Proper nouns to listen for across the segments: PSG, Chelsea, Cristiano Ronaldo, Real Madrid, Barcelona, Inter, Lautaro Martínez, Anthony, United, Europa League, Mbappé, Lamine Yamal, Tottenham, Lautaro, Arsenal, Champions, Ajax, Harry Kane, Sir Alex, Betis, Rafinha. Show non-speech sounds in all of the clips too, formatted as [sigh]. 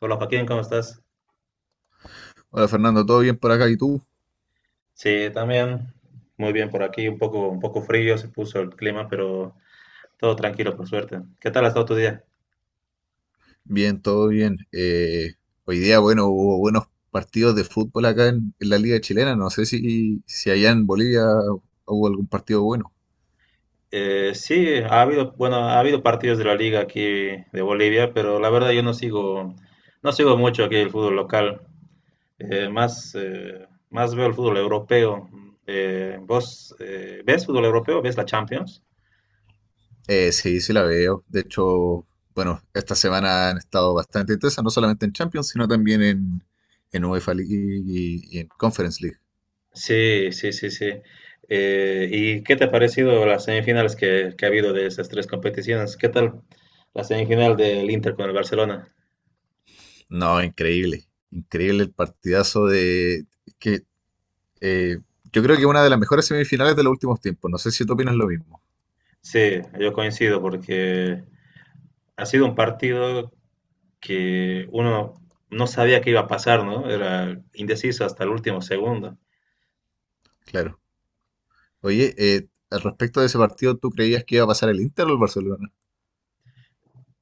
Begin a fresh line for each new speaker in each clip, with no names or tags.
Hola Joaquín, ¿cómo estás?
Hola Fernando, ¿todo bien por acá? ¿Y tú?
Sí, también muy bien por aquí, un poco frío se puso el clima, pero todo tranquilo por suerte. ¿Qué tal ha estado tu día?
Bien, todo bien. Hoy día, bueno, hubo buenos partidos de fútbol acá en la Liga Chilena. No sé si allá en Bolivia hubo algún partido bueno.
Sí, ha habido, bueno, ha habido partidos de la liga aquí de Bolivia, pero la verdad yo no sigo, no sigo mucho aquí el fútbol local. Más, más veo el fútbol europeo. ¿Vos ves fútbol europeo? ¿Ves la Champions?
Sí, sí la veo. De hecho, bueno, esta semana han estado bastante intensas, no solamente en Champions, sino también en UEFA League y en Conference League.
Sí, sí, sí, sí. ¿Y qué te ha parecido las semifinales que ha habido de esas tres competiciones? ¿Qué tal la semifinal del Inter con el Barcelona?
No, increíble. Increíble el partidazo de... que eh, Yo creo que una de las mejores semifinales de los últimos tiempos. No sé si tú opinas lo mismo.
Sí, yo coincido porque ha sido un partido que uno no sabía qué iba a pasar, ¿no? Era indeciso hasta el último segundo.
Claro. Oye, al respecto de ese partido, ¿tú creías que iba a pasar el Inter o el Barcelona?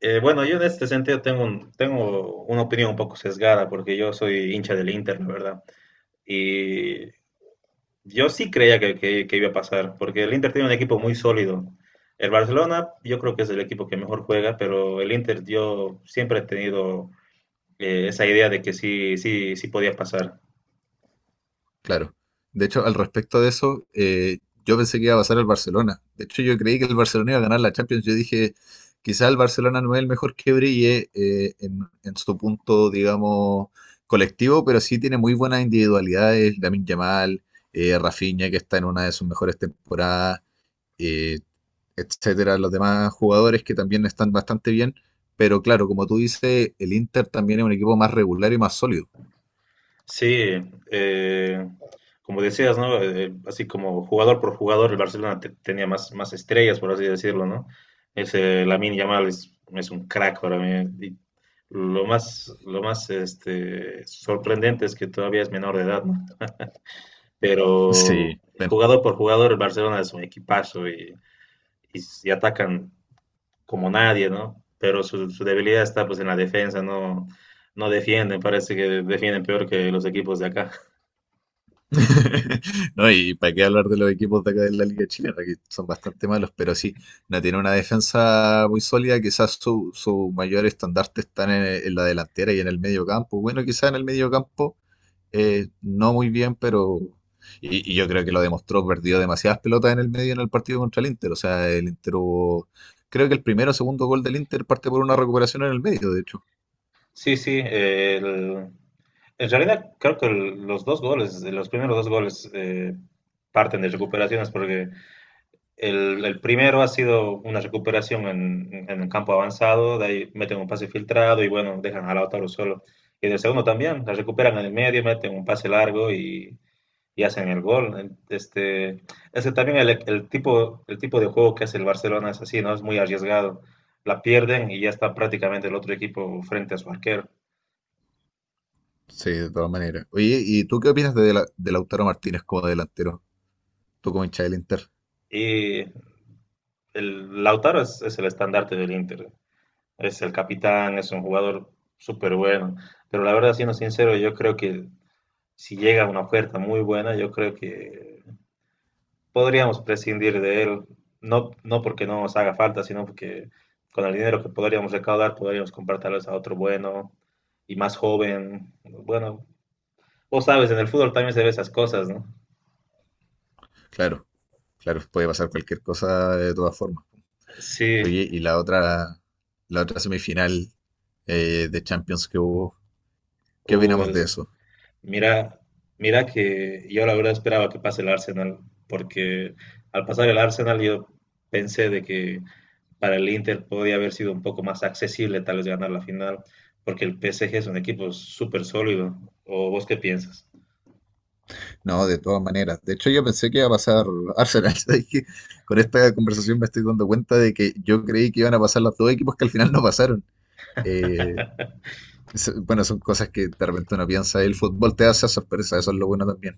Bueno, yo en este sentido tengo, tengo una opinión un poco sesgada porque yo soy hincha del Inter, la verdad. Y yo sí creía que iba a pasar, porque el Inter tiene un equipo muy sólido. El Barcelona, yo creo que es el equipo que mejor juega, pero el Inter, yo siempre he tenido esa idea de que sí, sí, sí podía pasar.
Claro. De hecho, al respecto de eso, yo pensé que iba a pasar el Barcelona. De hecho, yo creí que el Barcelona iba a ganar la Champions. Yo dije, quizá el Barcelona no es el mejor que brille en su punto, digamos, colectivo, pero sí tiene muy buenas individualidades. Lamine Yamal, Rafinha, que está en una de sus mejores temporadas. eh, Etcétera, los demás jugadores que también están bastante bien. Pero claro, como tú dices, el Inter también es un equipo más regular y más sólido.
Sí, eh, como decías, ¿no? Así como jugador por jugador, el Barcelona tenía más, más estrellas, por así decirlo, ¿no? Ese Lamine Yamal es un crack para mí. Y lo más, lo más sorprendente es que todavía es menor de edad, ¿no? Pero
Sí, bueno.
jugador por jugador el Barcelona es un equipazo y, y atacan como nadie, ¿no? Pero su debilidad está pues en la defensa, no, no defienden, parece que defienden peor que los equipos de acá.
[laughs] No, y para qué hablar de los equipos de acá de la Liga Chilena, que son bastante malos, pero sí, no tiene una defensa muy sólida. Quizás su mayor estandarte están en la delantera y en el medio campo. Bueno, quizás en el medio campo no muy bien, pero... y yo creo que lo demostró, perdió demasiadas pelotas en el medio en el partido contra el Inter. O sea, el Inter hubo... Creo que el primero o segundo gol del Inter parte por una recuperación en el medio, de hecho.
Sí, sí, en realidad creo que los dos goles, los primeros dos goles parten de recuperaciones porque el primero ha sido una recuperación en un campo avanzado, de ahí meten un pase filtrado y bueno, dejan a Lautaro solo. Y del segundo también, la recuperan en el medio, meten un pase largo y hacen el gol. Ese también el tipo de juego que hace el Barcelona es así, ¿no? Es muy arriesgado. La pierden y ya está prácticamente el otro equipo frente a su arquero.
Sí, de todas maneras. Oye, ¿y tú qué opinas de Lautaro Martínez como delantero? Tú como hincha del Inter.
Y el Lautaro es el estandarte del Inter. Es el capitán, es un jugador súper bueno. Pero la verdad, siendo sincero, yo creo que si llega una oferta muy buena, yo creo que podríamos prescindir de él. No, no porque no nos haga falta, sino porque con el dinero que podríamos recaudar, podríamos comprar tal vez a otro bueno y más joven. Bueno, vos sabes, en el fútbol también se ve esas cosas, ¿no?
Claro, claro, puede pasar cualquier cosa de todas formas.
Sí,
Oye, la otra semifinal de Champions que hubo, ¿qué
uh,
opinamos de
el,
eso?
mira, mira que yo la verdad esperaba que pase el Arsenal, porque al pasar el Arsenal yo pensé de que para el Inter podía haber sido un poco más accesible tal vez ganar la final, porque el PSG es un equipo súper sólido. ¿O vos qué piensas?
No, de todas maneras. De hecho, yo pensé que iba a pasar Arsenal. [laughs] ¿Sabes qué? Con esta conversación me estoy dando cuenta de que yo creí que iban a pasar los dos equipos que al final no pasaron. Eh, bueno, son cosas que de repente uno piensa. El fútbol te hace sorpresa, eso es lo bueno también.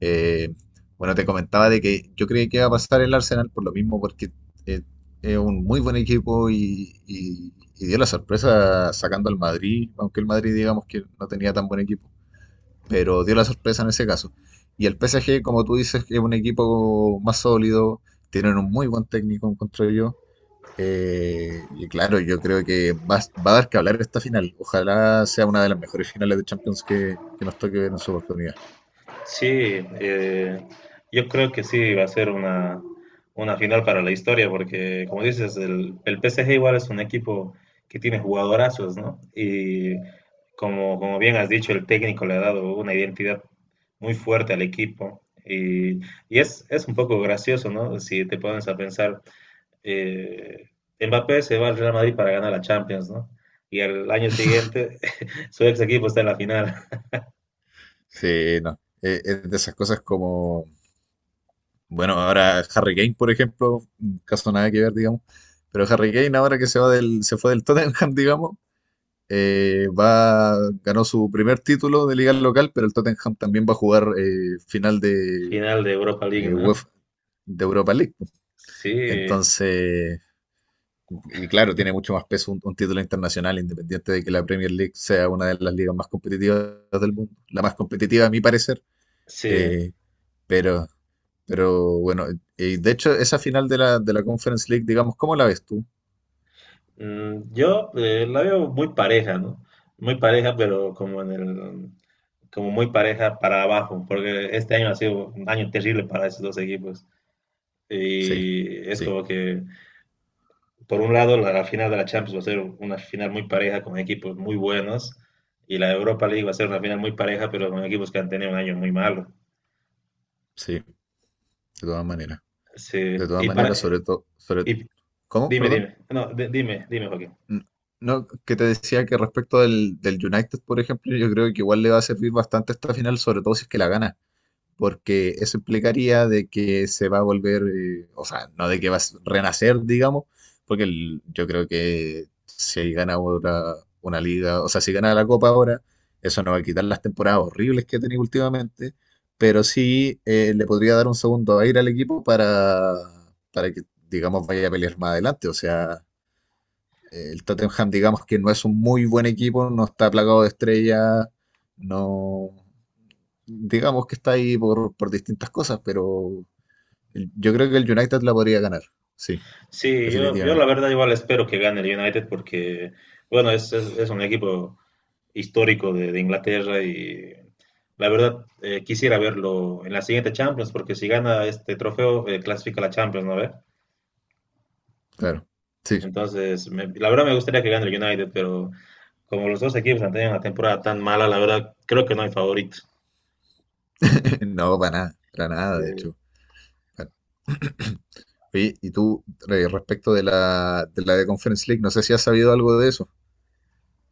Eh, bueno, te comentaba de que yo creí que iba a pasar el Arsenal por lo mismo, porque eh, es un muy buen equipo y dio la sorpresa sacando al Madrid, aunque el Madrid digamos que no tenía tan buen equipo pero dio la sorpresa en ese caso. Y el PSG, como tú dices, es un equipo más sólido, tienen un muy buen técnico, encuentro yo. Y claro, yo creo que a dar que hablar esta final. Ojalá sea una de las mejores finales de Champions que nos toque ver en su oportunidad.
Sí, eh, yo creo que sí va a ser una final para la historia, porque como dices, el PSG igual es un equipo que tiene jugadorazos, ¿no? Y como, como bien has dicho, el técnico le ha dado una identidad muy fuerte al equipo. Y es un poco gracioso, ¿no? Si te pones a pensar, eh, Mbappé se va al Real Madrid para ganar la Champions, ¿no? Y al año siguiente [laughs] su ex equipo está en la final,
Sí, no. Es de esas cosas como, bueno, ahora Harry Kane, por ejemplo, un caso nada que ver, digamos. Pero Harry Kane ahora que se fue del Tottenham, [laughs] digamos, eh, va, ganó su primer título de liga local, pero el Tottenham también va a jugar final de
final de Europa League, ¿no?
UEFA de Europa League. Pues.
Sí,
Entonces, y claro, tiene mucho más peso un título internacional, independiente de que la Premier League sea una de las ligas más competitivas del mundo, la más competitiva a mi parecer.
sí,
Eh, pero, pero bueno, y de hecho esa final de la Conference League, digamos, ¿cómo la ves tú?
yo la veo muy pareja, ¿no? Muy pareja, pero como en el, como muy pareja para abajo, porque este año ha sido un año terrible para esos dos equipos.
Sí,
Y es
sí,
como que, por un lado, la final de la Champions va a ser una final muy pareja con equipos muy buenos, y la Europa League va a ser una final muy pareja, pero con equipos que han tenido un año muy malo.
sí, todas maneras,
Sí,
de todas
y para,
maneras, sobre todo, sobre,
y
¿cómo?
dime,
Perdón.
dime, no, dime, dime, Joaquín.
N- No, que te decía que respecto del United, por ejemplo, yo creo que igual le va a servir bastante esta final, sobre todo si es que la gana, porque eso implicaría de que se va a volver, o sea, no de que va a renacer, digamos, porque yo creo que si gana ahora una liga, o sea, si gana la Copa ahora, eso no va a quitar las temporadas horribles que ha tenido últimamente, pero sí le podría dar un segundo aire al equipo para que, digamos, vaya a pelear más adelante, o sea el Tottenham, digamos que no es un muy buen equipo, no está plagado de estrellas, no. Digamos que está ahí por distintas cosas, pero yo creo que el United la podría ganar. Sí,
Sí, yo la
definitivamente.
verdad igual espero que gane el United porque, bueno, es un equipo histórico de Inglaterra y la verdad quisiera verlo en la siguiente Champions porque si gana este trofeo clasifica a la Champions, ¿no ves?
Claro. Sí.
Entonces, la verdad me gustaría que gane el United, pero como los dos equipos han tenido una temporada tan mala, la verdad creo que no hay favorito.
[laughs] No, para nada, de
Eh,
hecho. Bueno, oye, y tú, respecto de la de Conference League, no sé si has sabido algo de eso.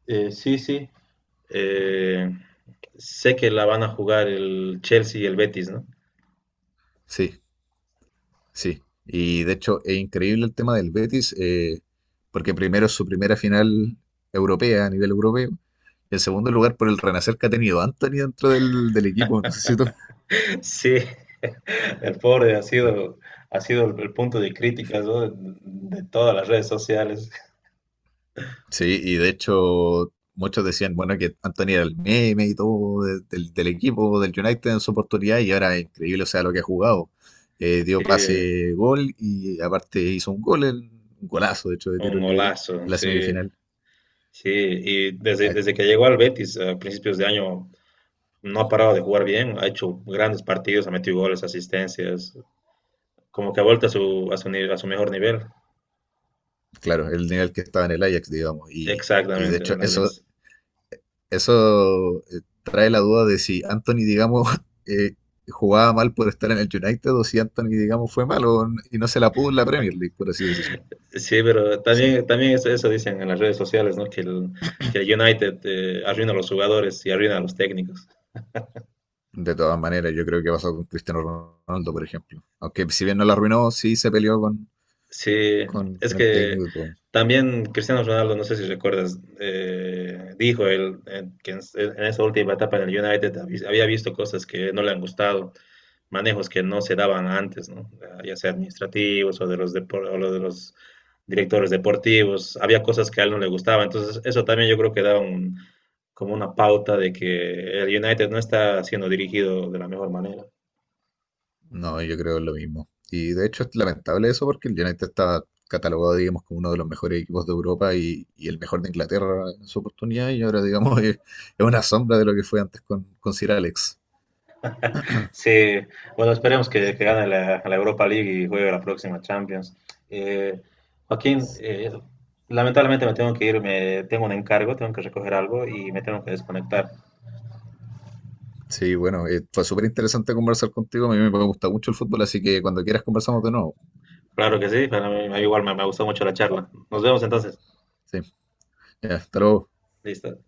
sí, sí. Eh, Sé que la van a jugar el Chelsea y el Betis, ¿no?
Sí. Sí, y de hecho es increíble el tema del Betis, porque primero es su primera final europea a nivel europeo, y en segundo lugar por el renacer que ha tenido Anthony dentro del equipo. No sé si tú-
[laughs] Sí, el pobre
Sí.
ha sido el punto de crítica, ¿no? De todas las redes sociales.
Sí, y de hecho muchos decían, bueno, que Anthony era el meme y todo del equipo, del United en su oportunidad, y ahora es increíble, o sea, lo que ha jugado.
Sí,
Dio pase, gol, y aparte hizo un gol, un golazo, de hecho, de tiro
un
libre
golazo,
en la
sí.
semifinal.
Sí, y desde, desde que llegó al Betis a principios de año no ha parado de jugar bien, ha hecho grandes partidos, ha metido goles, asistencias, como que ha vuelto a su, a su, a su mejor nivel.
Claro, el nivel que estaba en el Ajax, digamos. Y, y de
Exactamente, en
hecho,
el
eso,
Ajax.
eso trae la duda de si Anthony, digamos, [laughs] eh, jugaba mal por estar en el United o si Anthony, digamos, fue malo y no se la pudo en la Premier League, por así decirlo.
Sí, pero
Sí.
también, también eso dicen en las redes sociales, ¿no? Que el United arruina a los jugadores y arruina a los técnicos.
De todas maneras, yo creo que pasó con Cristiano Ronaldo, por ejemplo. Aunque si bien no la arruinó, sí se peleó
Sí, es
con el
que
técnico y todo.
también Cristiano Ronaldo, no sé si recuerdas, dijo él que en esa última etapa en el United había visto cosas que no le han gustado, manejos que no se daban antes, ¿no? Ya sea administrativos o de los, o lo de los directores deportivos, había cosas que a él no le gustaba, entonces eso también yo creo que da un, como una pauta de que el United no está siendo dirigido de la mejor manera.
No, yo creo lo mismo. Y de hecho es lamentable eso porque el United está catalogado, digamos, como uno de los mejores equipos de Europa y el mejor de Inglaterra en su oportunidad y ahora, digamos, [laughs] es una sombra de lo que fue antes con Sir Alex.
Sí, bueno, esperemos que
Sí,
gane la, la Europa League y juegue la próxima Champions. Eh, Joaquín, lamentablemente me tengo que ir, me, tengo un encargo, tengo que recoger algo y me tengo que desconectar.
sí, bueno, fue súper interesante conversar contigo. A mí me gusta mucho el fútbol, así que cuando quieras conversamos de nuevo.
Claro que sí, para mí igual me, me gustó mucho la charla. Nos vemos entonces.
Sí, ya, hasta luego.
Listo.